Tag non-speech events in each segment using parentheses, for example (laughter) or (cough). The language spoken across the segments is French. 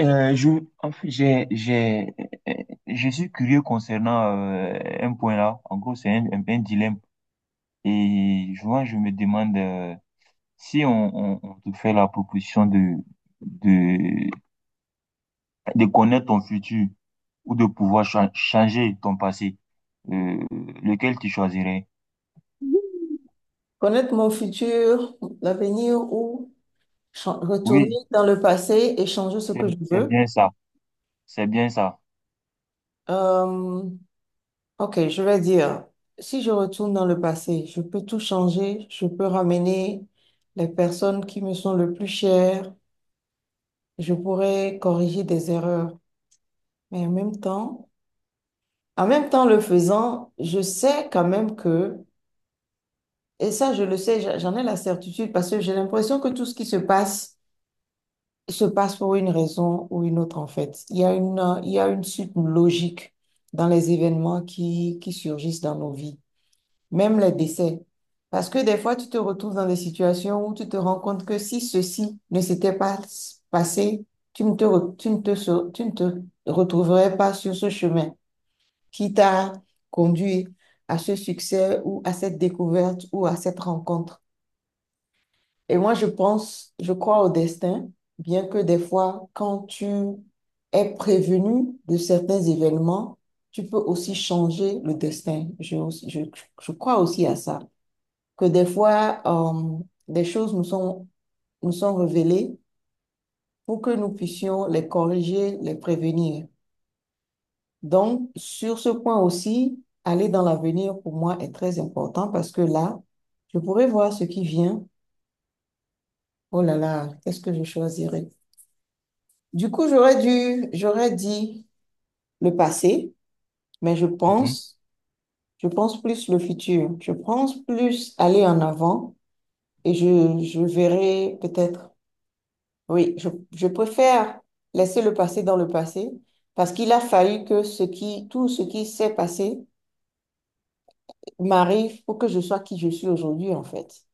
Euh, je, en fait, j'ai, j'ai, euh, je suis curieux concernant un point là. En gros, c'est un dilemme. Je me demande si on te fait la proposition de, de connaître ton futur ou de pouvoir changer ton passé, euh, lequel tu choisirais? Connaître mon futur, l'avenir ou retourner Oui, dans le passé et changer ce c'est que je veux. bien ça. C'est bien ça. Euh, ok, je vais dire, si je retourne dans le passé, je peux tout changer, je peux ramener les personnes qui me sont le plus chères, je pourrais corriger des erreurs. Mais en même temps le faisant, je sais quand même que, et ça je le sais, j'en ai la certitude parce que j'ai l'impression que tout ce qui se passe pour une raison ou une autre, en fait. Il y a une suite logique dans les événements qui surgissent dans nos vies, même les décès. Parce que des fois, tu te retrouves dans des situations où tu te rends compte que si ceci ne s'était pas passé, tu ne te, re- tu ne te, se- tu ne te retrouverais pas sur ce chemin qui t'a conduit à ce succès ou à cette découverte ou à cette rencontre. Et moi, je pense, je crois au destin, bien que des fois, quand tu es prévenu de certains événements, tu peux aussi changer le destin. Je, je crois aussi à ça, que des fois, des choses nous sont révélées pour que nous puissions les corriger, les prévenir. Donc, sur ce point aussi, aller dans l'avenir, pour moi, est très important parce que là, je pourrais voir ce qui vient. Oh là là, qu'est-ce que je choisirais? Du coup, j'aurais dit le passé, mais Mhm. Je pense plus le futur. Je pense plus aller en avant et je verrai peut-être. Oui, je préfère laisser le passé dans le passé parce qu'il a fallu que tout ce qui s'est passé m'arrive pour que je sois qui je suis aujourd'hui, en fait.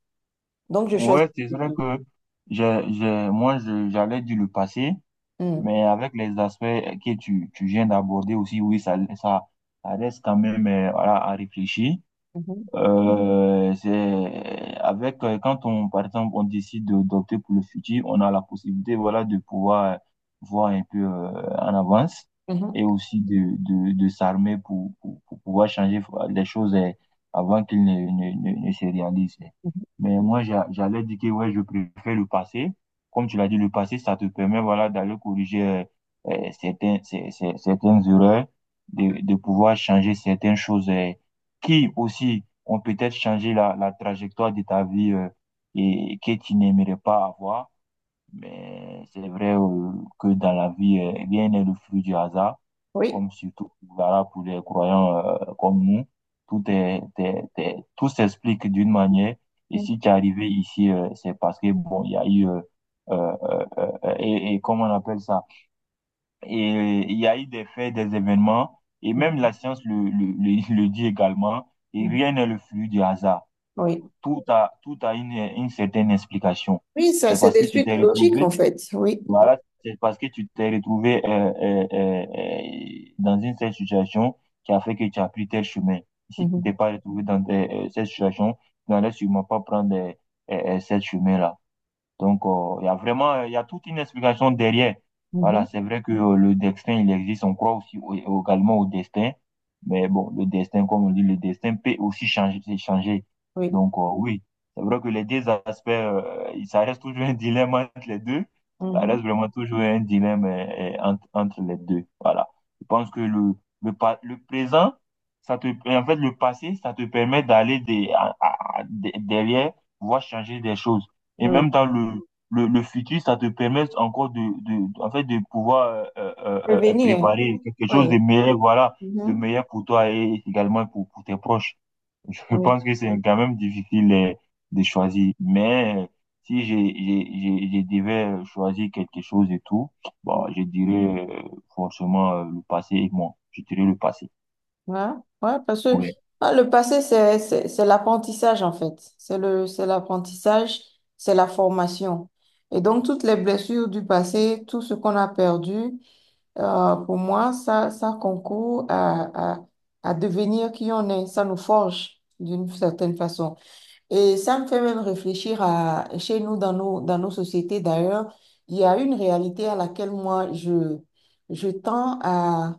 Donc, je choisis Ouais, c'est le vrai futur. que moi, j'allais dire le passé. Mm. Mais avec les aspects que tu viens d'aborder aussi, oui, ça reste quand même voilà, à réfléchir. Mhm. C'est avec quand on par exemple on décide d'opter pour le futur, on a la possibilité voilà de pouvoir voir un peu en avance Mhm. et aussi de de s'armer pour pour pouvoir changer les choses avant qu'elles ne se réalisent. Mhm. Mais moi j'allais dire que ouais je préfère le passé. Comme tu l'as dit, le passé ça te permet voilà d'aller corriger certains certaines erreurs, de pouvoir changer certaines choses qui aussi ont peut-être changé la trajectoire de ta vie et que tu n'aimerais pas avoir. Mais c'est vrai que dans la vie, rien n'est le fruit du hasard, Oui. comme surtout voilà, pour les croyants comme nous. Tout est, est- est- tout s'explique d'une manière. Et Mm. si tu es arrivé ici, c'est parce que, bon, il y a eu, euh, euh, et comment on appelle ça? Et il y a eu des faits, des événements, et même la science le dit également, et Mhm. rien n'est le fruit du hasard. Oui. Tout a, une certaine explication. Oui, ça, C'est c'est parce des que tu suites t'es logiques, retrouvé, en fait. Oui. voilà, c'est parce que tu t'es retrouvé dans une telle situation qui a fait que tu as pris tel chemin. Si tu t'es Mhm. pas retrouvé dans cette situation, tu n'allais sûrement pas prendre cette chemin-là. Donc, il y a vraiment, il y a toute une explication derrière. Mhm. Voilà, c'est vrai que le destin, il existe. On croit aussi également au destin. Mais bon, le destin, comme on dit, le destin peut aussi changer, c'est changer. Oui. Donc, oui, c'est vrai que les deux aspects, ça reste toujours un dilemme entre les deux. Ça Mhm. reste vraiment toujours un dilemme entre, entre les deux. Voilà. Je pense que le présent, ça te, en fait, le passé, ça te permet d'aller des, à- de- derrière, voir changer des choses. Et Oui. même dans le futur, ça te permet encore en fait, de pouvoir Prévenir. préparer quelque Oui. chose de meilleur, voilà, de Mhm. meilleur pour toi et également pour tes proches. Je (laughs) Oui. pense que c'est quand même difficile de choisir. Mais si je devais choisir quelque chose et tout, bon, je dirais forcément le passé et moi. Je dirais le passé. Ouais, ouais, parce que Ouais. ah, le passé, c'est l'apprentissage, en fait. C'est l'apprentissage, c'est la formation. Et donc, toutes les blessures du passé, tout ce qu'on a perdu, pour moi, ça concourt à devenir qui on est. Ça nous forge d'une certaine façon. Et ça me fait même réfléchir à chez nous, dans nos sociétés d'ailleurs, il y a une réalité à laquelle je tends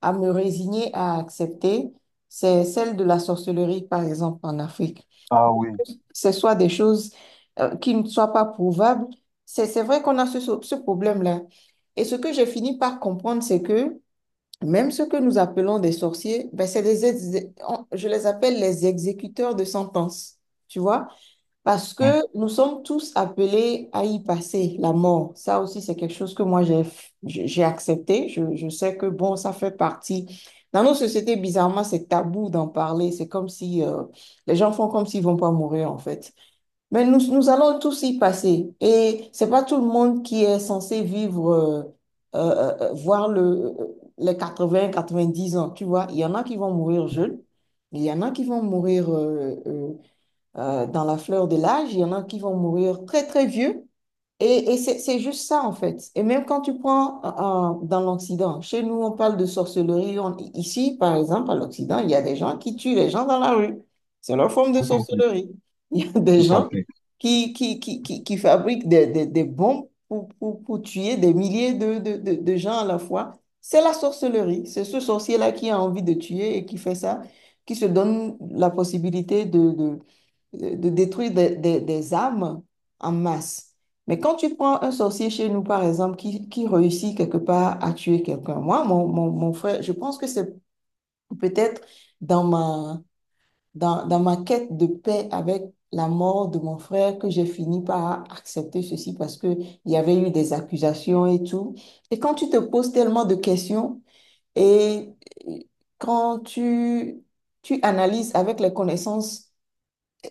à me résigner à accepter, c'est celle de la sorcellerie, par exemple, en Afrique. Ah oui. Que ce soit des choses qui ne soient pas prouvables, c'est vrai qu'on a ce problème-là. Et ce que j'ai fini par comprendre, c'est que même ce que nous appelons des sorciers, ben, c'est des, ex- on- je les appelle les exécuteurs de sentences, tu vois? Parce que Hmm. nous sommes tous appelés à y passer, la mort. Ça aussi, c'est quelque chose que j'ai accepté. Je sais que, bon, ça fait partie. Dans nos sociétés, bizarrement, c'est tabou d'en parler. C'est comme si les gens font comme s'ils vont pas mourir, en fait. Mais nous, nous allons tous y passer. Et c'est pas tout le monde qui est censé vivre, voir les 80, 90 ans. Tu vois, il y en a qui vont mourir jeunes. Il y en a qui vont mourir. Dans la fleur de l'âge, il y en a qui vont mourir très, très vieux. Et c'est juste ça, en fait. Et même quand tu prends dans l'Occident, chez nous, on parle de sorcellerie. On- ici, par exemple, à l'Occident, il y a des gens qui tuent les gens dans la rue. C'est leur forme de Tout à fait, sorcellerie. (laughs) Il y a des tout à gens fait. Qui fabriquent des bombes pour tuer des milliers de gens à la fois. C'est la sorcellerie. C'est ce sorcier-là qui a envie de tuer et qui fait ça, qui se donne la possibilité de détruire des âmes en masse. Mais quand tu prends un sorcier chez nous, par exemple, qui réussit quelque part à tuer quelqu'un, mon frère, je pense que c'est peut-être dans dans ma quête de paix avec la mort de mon frère que j'ai fini par accepter ceci parce que il y avait eu des accusations et tout. Et quand tu te poses tellement de questions et quand tu analyses avec les connaissances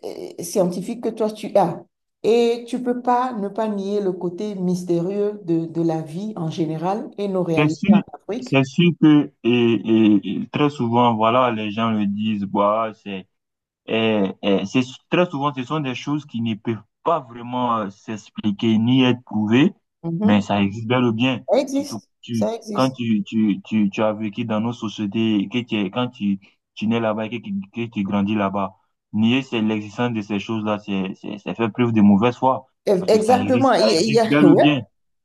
scientifique que toi tu as. Et tu peux pas ne pas nier le côté mystérieux de la vie en général et nos C'est réalités sûr, en Afrique. c'est sûr que et très souvent, voilà, les gens le disent, bah, c'est très souvent, ce sont des choses qui ne peuvent pas vraiment s'expliquer ni être prouvées, mais Mhm. ça existe bel ou bien. Ça Surtout que existe, ça quand existe. Tu as vécu dans nos sociétés, quand tu nais là-bas et que, que tu grandis là-bas, nier c'est l'existence de ces choses-là, c'est faire preuve de mauvaise foi, E- parce que Exactement. Ça existe (laughs) bel ou Ouais, bien.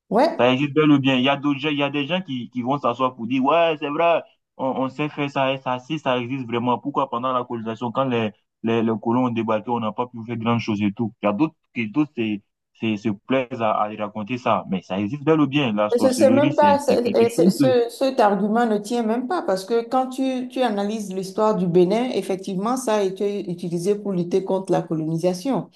ouais. Ça existe bel ou bien. Il y a d'autres gens, il y a des gens qui vont s'asseoir pour dire, ouais, c'est vrai, on sait faire ça et ça, si ça existe vraiment. Pourquoi pendant la colonisation, quand les colons ont débarqué, on n'a pas pu faire grand chose et tout. Il y a d'autres qui, d'autres, se se plaisent à y raconter ça. Mais ça existe bel ou bien. La C'est sorcellerie, même pas, c'est c'est- quelque et c'est- chose de, ce- Cet argument ne tient même pas parce que quand tu analyses l'histoire du Bénin, effectivement, ça a été utilisé pour lutter contre la colonisation.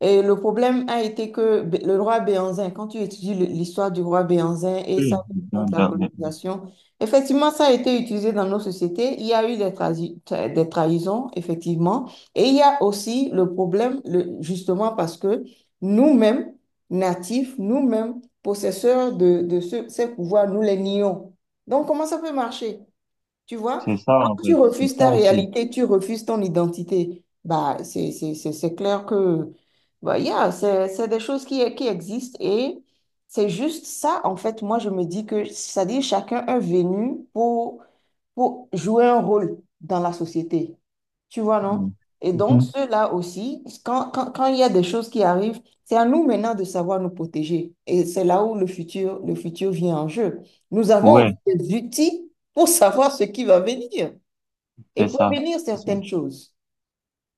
Et le problème a été que le roi Béanzin, quand tu étudies l'histoire du roi Béanzin et ça contre la colonisation, effectivement, ça a été utilisé dans nos sociétés. Il y a eu des trahisons, effectivement. Et il y a aussi le problème, justement, parce que nous-mêmes, natifs, nous-mêmes, possesseurs de ces pouvoirs, nous les nions. Donc, comment ça peut marcher? Tu vois? c'est ça, en Tu fait. C'est refuses ça ta aussi. réalité, tu refuses ton identité. Bah, c'est clair que, bah, yeah, c'est des choses qui existent et c'est juste ça, en fait, moi, je me dis que, c'est-à-dire, chacun est venu pour jouer un rôle dans la société. Tu vois, non? Mhm. Et donc, ceux-là aussi, quand il y a des choses qui arrivent, c'est à nous maintenant de savoir nous protéger. Et c'est là où le futur vient en jeu. Nous avons aussi Ouais, des outils pour savoir ce qui va venir et c'est ça. prévenir C'est ça. certaines choses.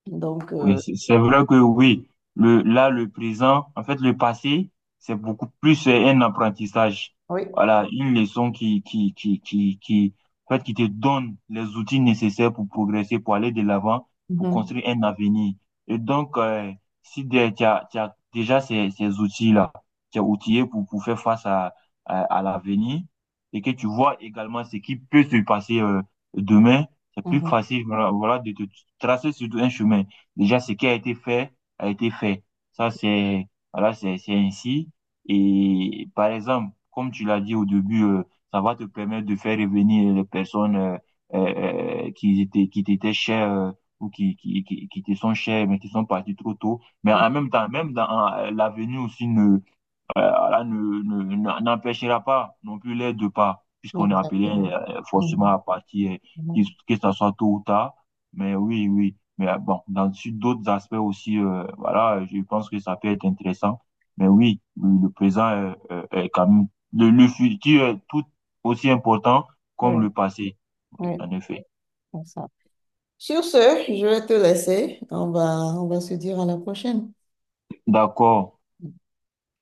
Donc, Oui, c'est vrai que oui, le présent, en fait, le passé, c'est beaucoup plus un apprentissage. oui. Voilà, une leçon qui, en fait, qui te donne les outils nécessaires pour progresser, pour aller de l'avant, pour Mhm, construire un avenir. Et donc, si tu as déjà ces outils-là, tu es outillé pour faire face à l'avenir et que tu vois également ce qui peut se passer demain, c'est plus mhm, facile, voilà, de te tracer surtout un chemin. Déjà ce qui a été fait a été fait. Ça, c'est voilà, c'est ainsi. Et par exemple, comme tu l'as dit au début, ça va te permettre de faire revenir les personnes qui étaient qui t'étaient chères ou qui te sont chères mais qui sont parties trop tôt. Mais en même temps, même dans l'avenir aussi ne Allah ne, n'empêchera pas non plus les deux pas, puisqu'on mhm. est appelé Exactement. Forcément Mhm, à partir, que mhm. que ça soit tôt ou tard. Mais oui, oui. Mais bon, dans sur d'autres aspects aussi, voilà, je pense que ça peut être intéressant. Mais oui, le présent est, est quand même, futur est tout aussi important Oui, comme le passé. Oui, oui, en effet. c'est ça. Sur ce, je vais te laisser. On va se dire à la prochaine. D'accord.